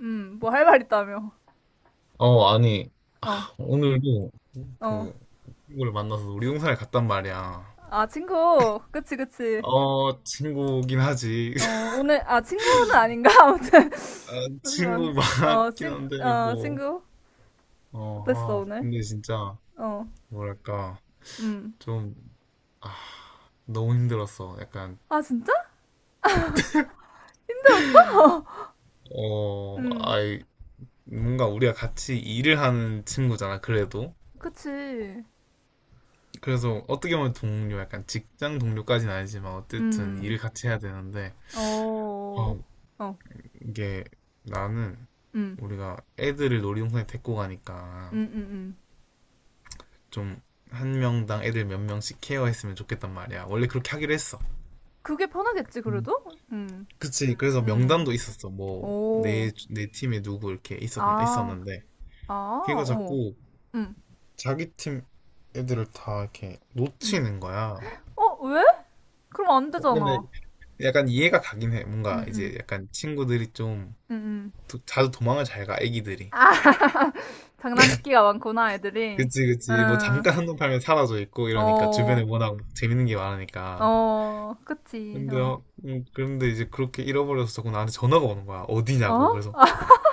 뭐 할 말 있다며. 어, 아니, 아, 어, 오늘도 어. 그 친구를 만나서 놀이동산에 갔단 말이야. 아, 친구. 그치, 그치. 친구긴 하지. 어, 오늘, 아, 친구는 아닌가? 아무튼. 아, 친구 어, 어, 맞긴 한데, 어, 뭐. 친구. 어땠어, 오늘? 근데 진짜, 어, 뭐랄까, 음. 좀, 아, 너무 힘들었어. 약간, 아, 진짜? 힘들었어? 어, 음, 아이, 뭔가 우리가 같이 일을 하는 친구잖아, 그래도. 그치. 그래서 어떻게 보면 동료, 약간 직장 동료까지는 아니지만, 어쨌든 음, 일을 같이 해야 되는데, 어, 아, 어, 이게 나는 음, 우리가 애들을 놀이동산에 데리고 음, 가니까 음, 음. 좀 한 명당 애들 몇 명씩 케어했으면 좋겠단 말이야. 원래 그렇게 하기로 했어. 그게 편하겠지, 음. 그래도? 그치. 그래서 음, 명단도 있었어. 뭐, 오, 내 팀에 누구 이렇게 아, 있었는데. 아, 걔가 어, 자꾸 음, 자기 팀 애들을 다 이렇게 음. 놓치는 거야. 어, 왜? 그럼 안 근데 되잖아. 약간 이해가 가긴 해. 뭔가 음음. 이제 약간 친구들이 좀 음, 음. 자주 도망을 잘 가, 애기들이. 장난기가 많구나, 애들이. 그치, 그치. 뭐 응, 잠깐 한눈 팔면 사라져 있고 이러니까 주변에 어, 워낙 재밌는 게 많으니까. 어, 그치, 어. 그런데 이제 그렇게 잃어버려서 자꾸 나한테 전화가 오는 거야. 어? 어디냐고. 그래서, 아,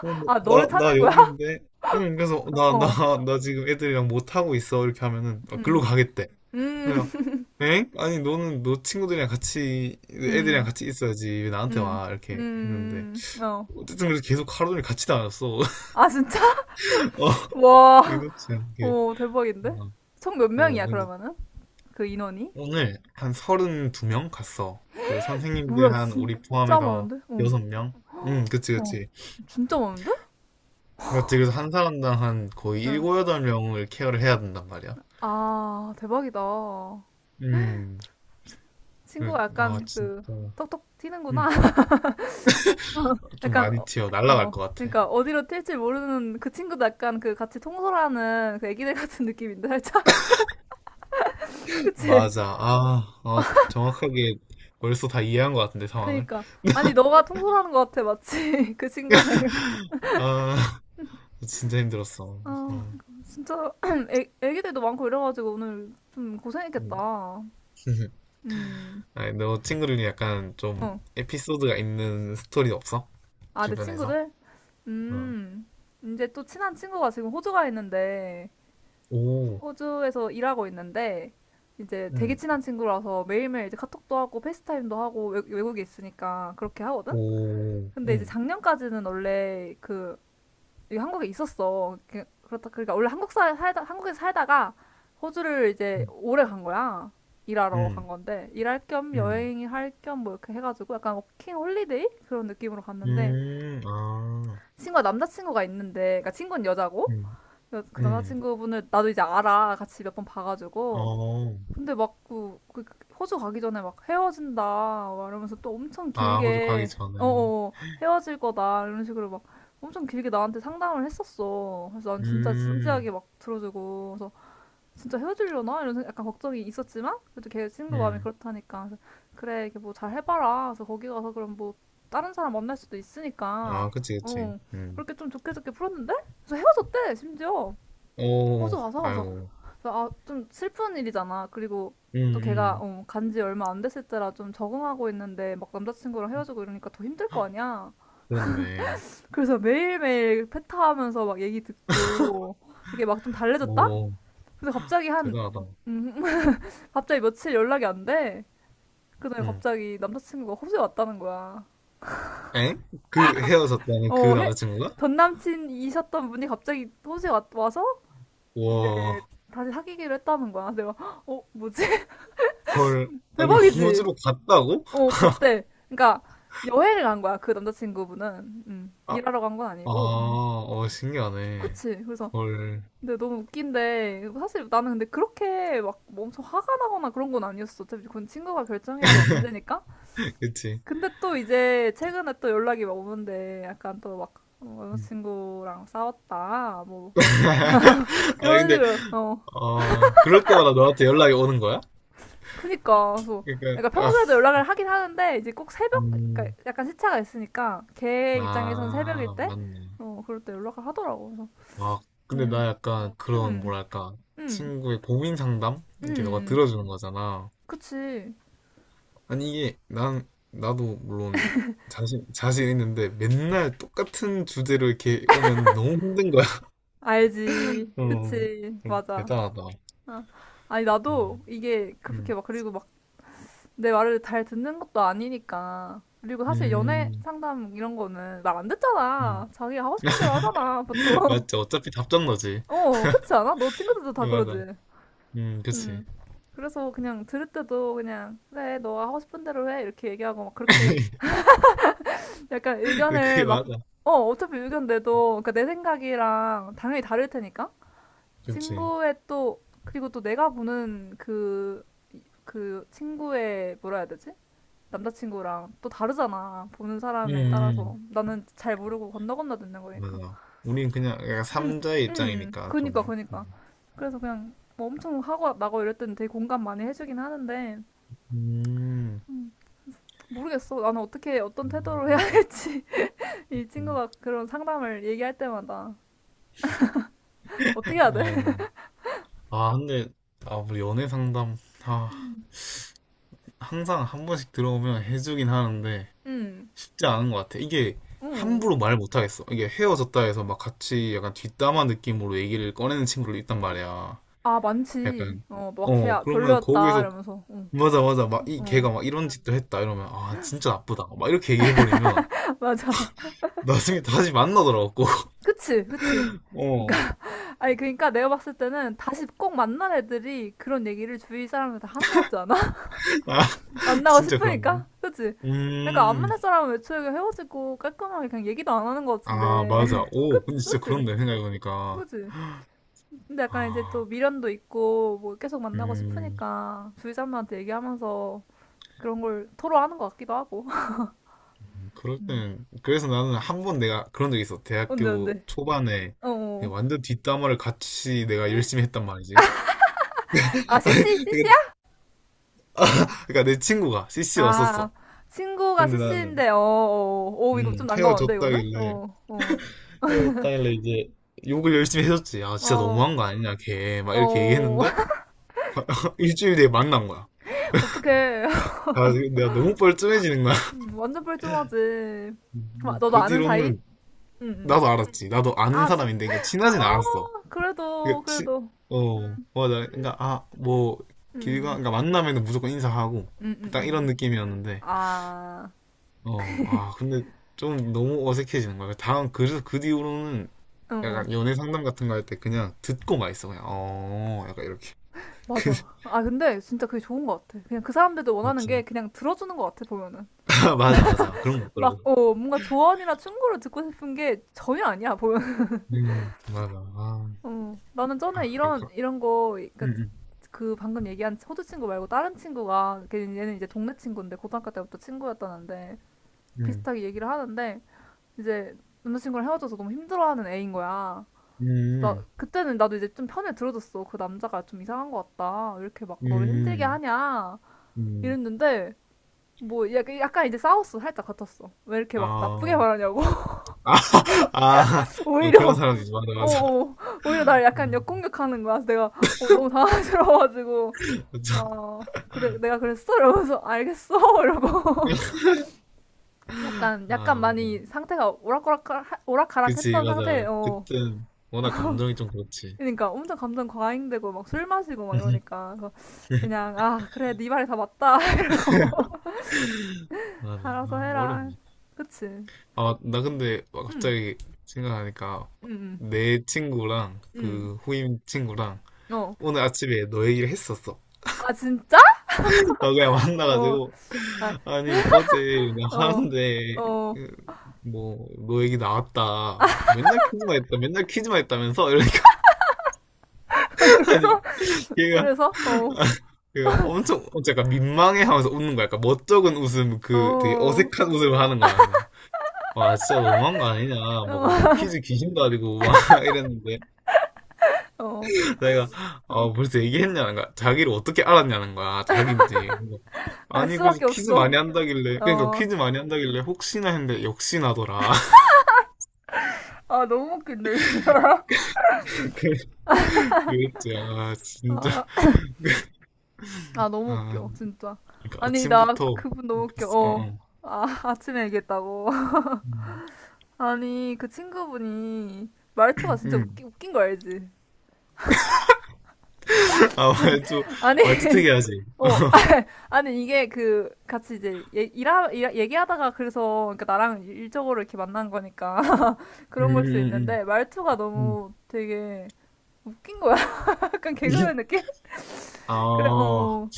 어, 뭐, 아, 너를 찾는 나 거야? 여기인데. 응, 그래서 어, 나 지금 애들이랑 못 하고 있어. 이렇게 하면은, 아, 음, 글로 가겠대. 음, 그래서, 엥? 아니, 너는 너 친구들이랑 같이, 애들이랑 음, 같이 있어야지. 왜 나한테 음, 와? 이렇게 했는데. 어. 어쨌든 그래서 계속 하루 종일 같이 다녔어. 아, 진짜? 어, 와, 이렇지 않게. 오, 대박인데? 어, 총 몇 어, 명이야, 그러면은? 그 인원이? 오늘 한 32명 갔어. 그 선생님들 뭐야, 한 우리 진짜 포함해서 많은데? 어, 6명? 응, 그치, 어, 그치. 진짜 많은데? 맞지. 그래서 한 사람당 한 거의 7, 응. 8명을 케어를 해야 된단 말이야. 아, 대박이다. 음, 친구가 아, 약간 그, 진짜. 톡톡 음, 튀는구나. 어, 좀 약간 많이 어, 튀어. 날라갈 어, 것 같아. 그러니까 어디로 튈지 모르는 그 친구도 약간 그 같이 통솔하는 그 애기들 같은 느낌인데 살짝. 그치? 맞아. 정확하게 벌써 다 이해한 것 같은데, 상황을. 그니까 아니 너가 통솔하는 것 같아 마치 그 친구를. 아, 진짜 힘들었어. 아 어, 진짜 애기들도 많고 이래가지고 오늘 좀 음. 고생했겠다. 음어아. 아니, 너 친구들이 약간 좀 에피소드가 있는 스토리 없어? 내 주변에서? 친구들. 어. 음, 이제 또 친한 친구가 지금 호주가 있는데 오. 호주에서 일하고 있는데 이제 되게 응. 친한 친구라서 매일매일 이제 카톡도 하고 페이스타임도 하고 외국에 있으니까 그렇게 하거든? 오. 근데 이제 응. 작년까지는 원래 그 여기 한국에 있었어. 그렇다 그러니까 원래 살다 한국에서 살다가 호주를 이제 응. 오래 간 거야. 일하러 응. 간 건데 일할 겸 응. 여행할 겸 뭐 이렇게 해가지고 약간 워킹 홀리데이 그런 느낌으로 갔는데 음. 아. 친구가 남자친구가 있는데 그러니까 친구는 여자고 응. 그 응. 남자친구분을 나도 이제 알아 같이 몇 번 봐가지고. 어. 근데 막그 그, 그 호주 가기 전에 막 헤어진다 막 이러면서 또 엄청 아, 호주 가기 길게 전에. 어어 헤어질 거다 이런 식으로 막 엄청 길게 나한테 상담을 했었어. 그래서 난 진짜 진지하게 음. 막 들어주고 그래서 진짜 헤어지려나 이런 약간 걱정이 있었지만 그래도 걔 친구 마음이 음. 그렇다니까 그래서 그래 이게 뭐 잘 해봐라. 그래서 거기 가서 그럼 뭐 다른 사람 만날 수도 있으니까. 아, 그치, 그치. 어, 음. 그렇게 좀 좋게 좋게 풀었는데 그래서 헤어졌대 심지어 호주 오. 가서. 그래서 아이고. 그래서 아, 좀 슬픈 일이잖아. 그리고 음, 또 걔가 음. 어, 간지 얼마 안 됐을 때라 좀 적응하고 있는데 막 남자친구랑 헤어지고 이러니까 더 힘들 거 아니야. 그렇네. 그래서 매일매일 패타하면서 막 얘기 듣고 이게 막 좀 달래졌다? 오. 근데 갑자기 한, 대단하다. 음, 갑자기 며칠 연락이 안 돼. 그다음에 응. 갑자기 남자친구가 호주에 왔다는 거야. 엥? 그 헤어졌다는 그 어, 남자친구가? 전 남친이셨던 분이 갑자기 호주에 와서 이제 와. 다시 사귀기로 했다는 거야. 내가 어, 뭐지? 헐. 아니, 대박이지? 호주로 갔다고? 어, 갔대. 그러니까 여행을 간 거야, 그 남자친구분은. 아, 일하러 간 건 아니고. 어, 신기하네. 그치. 그래서 헐. 근데 너무 웃긴데 사실 나는 근데 그렇게 막뭐 엄청 화가 나거나 그런 건 아니었어. 어차피 그건 친구가 결정해야 될 문제니까. 그치. 근데 또 이제 최근에 또 연락이 막 오는데 약간 또 막 어, 음. 남자친구랑 싸웠다. 뭐 아 그런 근데 식으로. 어. 어 그럴 때마다 너한테 연락이 오는 거야? 그니까 그래서 그러니까 그러니까 아, 평소에도 연락을 하긴 하는데 이제 꼭 새벽 그러니까 음, 약간 시차가 있으니까 걔 입장에선 새벽일 아 때 맞네. 어, 그럴 때 연락을 하더라고. 그래서 아 근데 음. 나 약간 그런 음. 뭐랄까 음. 친구의 고민 상담 음. 이렇게 너가 음. 들어주는 거잖아. 그치. 아니 이게 난 나도 물론 자신 있는데 맨날 똑같은 주제로 이렇게 오면 너무 힘든 거야. 알지. 어 그치. 맞아. 대단하다. 아. 아니 어, 나도 이게 그렇게 음, 막 그리고 막 내 말을 잘 듣는 것도 아니니까. 그리고 사실 연애 음, 상담 이런 거는 말 안 음. 듣잖아. 자기가 하고 싶은 대로 하잖아, 보통. 맞지. 어차피 답장 너지. 어, 그치 않아? 너 친구들도 다 그러지. 맞아. 그치. 음. 그래서 그냥 들을 때도 그냥 그래 너가 하고 싶은 대로 해 이렇게 얘기하고 막 그렇게 약간 의견을 그게 막. 맞아. 어 어차피 의견 내도 그러니까 내 생각이랑 당연히 다를 테니까 그지 친구의 또 그리고 또 내가 보는 그 그 친구의 뭐라 해야 되지? 남자친구랑 또 다르잖아 보는 사람에 따라서 음, 나는 잘 모르고 건너 건너 듣는 거니까. 맞아. 우린 그냥 약간 삼자의 입장이니까 그니까 좀. 그니까 음. 그래서 그냥 뭐 엄청 하고 나고 이럴 때는 되게 공감 많이 해주긴 하는데 음, 모르겠어. 나는 어떻게 어떤 태도로 해야 음. 할지 이 음. 친구가 그런 상담을 얘기할 때마다 어떻게 해야 돼? 아이고. 아, 근데, 아, 우리 연애 상담, 아, 음. 항상 한 번씩 들어오면 해주긴 하는데, 응, 쉽지 않은 것 같아. 이게, 응. 함부로 말 못하겠어. 이게 헤어졌다 해서 막 같이 약간 뒷담화 느낌으로 얘기를 꺼내는 친구를 있단 말이야. 아 많지. 약간, 어, 뭐 막 걔야 그러면 별로였다 거기서 이러면서. 응, 맞아, 맞아. 막, 이, 어, 걔가 막 이런 짓도 했다. 이러면, 아, 진짜 나쁘다. 막 이렇게 얘기해버리면, 맞아. 나중에 다시 만나더라고. 그치, 그치. 어. 그러니까 아니 그러니까 내가 봤을 때는 다시 꼭 만난 애들이 그런 얘기를 주위 사람한테 하는 것 같지 않아? 아, 만나고 진짜 그런가? 싶으니까, 그치? 그러니까 안 음, 만날 사람은 애초에 그냥 헤어지고 깔끔하게 그냥 얘기도 안 하는 것 아, 같은데. 맞아. 오, 그치, 근데 진짜 그치, 그런데, 생각해보니까. 그치. 근데 약간 이제 또 아, 미련도 있고 뭐 계속 만나고 음, 싶으니까 주위 사람들한테 얘기하면서 그런 걸 토로하는 것 같기도 하고. 그럴 음. 때는, 그래서 나는 한 번 내가 그런 적이 있어. 언제 언데. 대학교 초반에 어. 어. 완전 뒷담화를 같이 내가 열심히 했단 말이지. 아 CC CC야? 아니, 그러니까 내 친구가 CC 아 왔었어. 친구가 근데 나는, CC인데. 어. 어. 어. 오 이거 좀 난감한데 이거는? 헤어졌다길래, 어. 어. 그래서 다일러 이제 욕을 열심히 해줬지. 아, 진짜 어. 너무한 거 아니냐, 걔. 막 이렇게 어. 얘기했는데, 일주일 뒤에 만난 거야. 어떡해. 아, 내가 너무 뻘쭘해지는 거야. 완전 뻘쭘하지. 아, 너도 그 아는 사이? 뒤로는 응. 응. 나도 알았지. 나도 아는 아 진. 사람인데, 그러니까 아 친하진 않았어. 그래도 그러니까 치, 그래도. 어, 맞아. 그러니까, 아, 뭐, 길가, 음. 그러니까 만나면 무조건 인사하고, 음. 음. 딱 이런 음. 느낌이었는데, 아. 아, 근데 좀 너무 어색해지는 거야. 다음, 그래서 그 뒤로는 응. 응. 약간 연애 상담 같은 거 할 때 그냥 듣고만 있어. 그냥, 어, 약간 이렇게. 맞아. 아, 근데 진짜 그게 좋은 것 같아. 그냥 그 사람들도 원하는 게 맞지. 그냥 들어주는 것 같아, 보면은. 맞아, 맞아. 그런 거 막, 없더라고. 어, 뭔가 조언이나 충고를 듣고 싶은 게 전혀 아니야, 보면은. 맞아. 어, 나는 전에 아까. 이런 거, 그니까 음, 그 방금 얘기한 호주 친구 말고 다른 친구가, 얘는 이제 동네 친구인데, 고등학교 때부터 친구였다는데, 음, 비슷하게 얘기를 하는데, 이제 남자친구랑 헤어져서 너무 힘들어하는 애인 거야. 나, 음, 그때는 나도 이제 좀 편을 들어줬어. 그 남자가 좀 이상한 것 같다. 왜 이렇게 막 너를 힘들게 음, 하냐. 음, 음. 이랬는데, 뭐 약간, 약간 이제 싸웠어 살짝 같았어 왜 이렇게 막 나쁘게 아, 말하냐고. 아, 아, 그런 오히려 사람이지. 맞아, 맞아. 어어 오히려 날 약간 음, 역공격하는 거야 그래서 내가 어, 너무 당황스러워가지고 맞아. 아 그래 내가 그랬어 이러면서 알겠어 이러고 약간 아, 약간 맞아. 많이 상태가 그치, 오락가락했던 상태 맞아. 어 그땐 워낙 감정이 좀 그렇지. 그러니까 엄청 감정 과잉되고 막 술 마시고 막 이러니까 그래서 그냥 아 그래 네 말이 다 맞다 이러고 맞아. 알아서 아, 어려운 해라. 것 같아. 그치. 아, 나 근데 막 갑자기 생각하니까 내 친구랑 응응응응어아. 그 후임 친구랑 오늘 아침에 너 얘기를 했었어. 진짜. 아 그냥 어, 만나가지고 아, 아니 어제 그냥 어, 하는데 어. 음, 뭐, 너 얘기 나왔다. 맨날 퀴즈만 했다. 맨날 퀴즈만 했다면서? 이러니까, 아니, 그래서, 얘가, 그래서, 어, 얘가 엄청, 어, 약간 민망해 하면서 웃는 거야. 약간 멋쩍은 웃음, 어, 그 되게 어, 어색한 웃음을 하는 거야. 나. 와, 진짜 너무한 거 아니냐. 막 퀴즈 귀신도 아니고, 막 이랬는데. 어, 어. 내가 아 벌써 얘기했냐는 거야. 자기를 어떻게 알았냐는 거야. 자기인지. 알 아니 그래서 수밖에 퀴즈 없어. 많이 한다길래 그러니까 어, 퀴즈 많이 한다길래 혹시나 했는데 역시나더라. 아, 너무 웃긴데. 그- 그랬지. 아 진짜. 아, 그, 아, 너무 아 웃겨, 진짜. 그러니까 아니, 나 아침부터 그분 너무 웃겨. 그랬어. 어, 어, 어. 아, 아침에 얘기했다고. 음. 아니, 그 친구분이 말투가 진짜 음. 웃긴 거 알지? 아 말투 아니, 말투 특이하지. 어, 어. 아니, 이게 그, 같이 이제, 얘기하다가 그래서, 그러니까 나랑 일적으로 이렇게 만난 거니까. 음, 그런 걸 수 음, 있는데 말투가 음. 너무 되게 웃긴 거야. 약간 음. 개그맨 느낌? 아, 그래, 어, 어.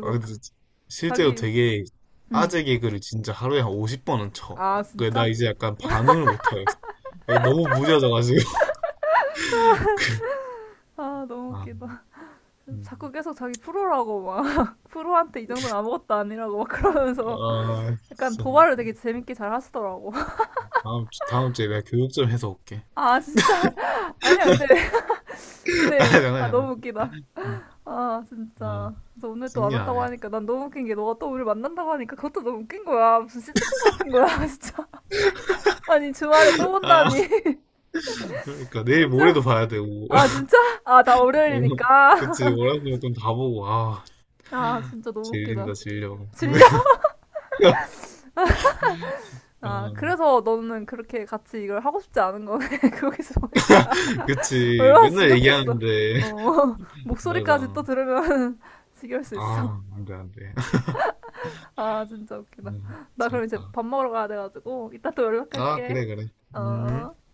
근데 실제로 자기, 되게 음, 아재 개그를 진짜 하루에 한 50번은 쳐. 아 그래, 나 진짜, 이제 약간 반응을 못하겠어. 내가 너무 무뎌져가지고. 아 너무 아, 웃기다. 자꾸 음. 계속 자기 프로라고 막 프로한테 이 정도는 아무것도 아니라고 막 그러면서 아, 약간 진짜. 도발을 되게 재밌게 잘 하시더라고. 다음, 다음 주에 내가 교육 좀 해서 올게. 아 진짜, 아니야 근데 아, 근데 장난, 아 너무 장난. 웃기다. 음. 아 아, 진짜. 그래서 오늘 또 안 왔다고 신기하네. 하니까 난 너무 웃긴 게 너가 또 우리 만난다고 하니까 그것도 너무 웃긴 거야. 무슨 시트콤 같은 거야 진짜. 아니 주말에 또 아, 본다니. 그러니까 내일 모레도 진짜? 봐야 되고. 아, 진짜? 아, 다 오늘- 월요일이니까. 그치, 월화수목 좀다 보고. 아, 아, 진짜 너무 웃기다. 질린다, 질려. 질려? 아, 아, 그래서 너는 그렇게 같이 이걸 하고 싶지 않은 거네. 거기서 보니까. 그치, 얼마나 맨날 지겹겠어. 얘기하는데. 어, 목소리까지 맞아. 또 들으면 지겨울 수 있어. 아, 안 돼, 안 돼. 아, 진짜 웃기다. 나 그럼 이제 재밌다. 밥 먹으러 가야 돼가지고, 이따 또 아, 연락할게. 그래, 그래. 음. 어.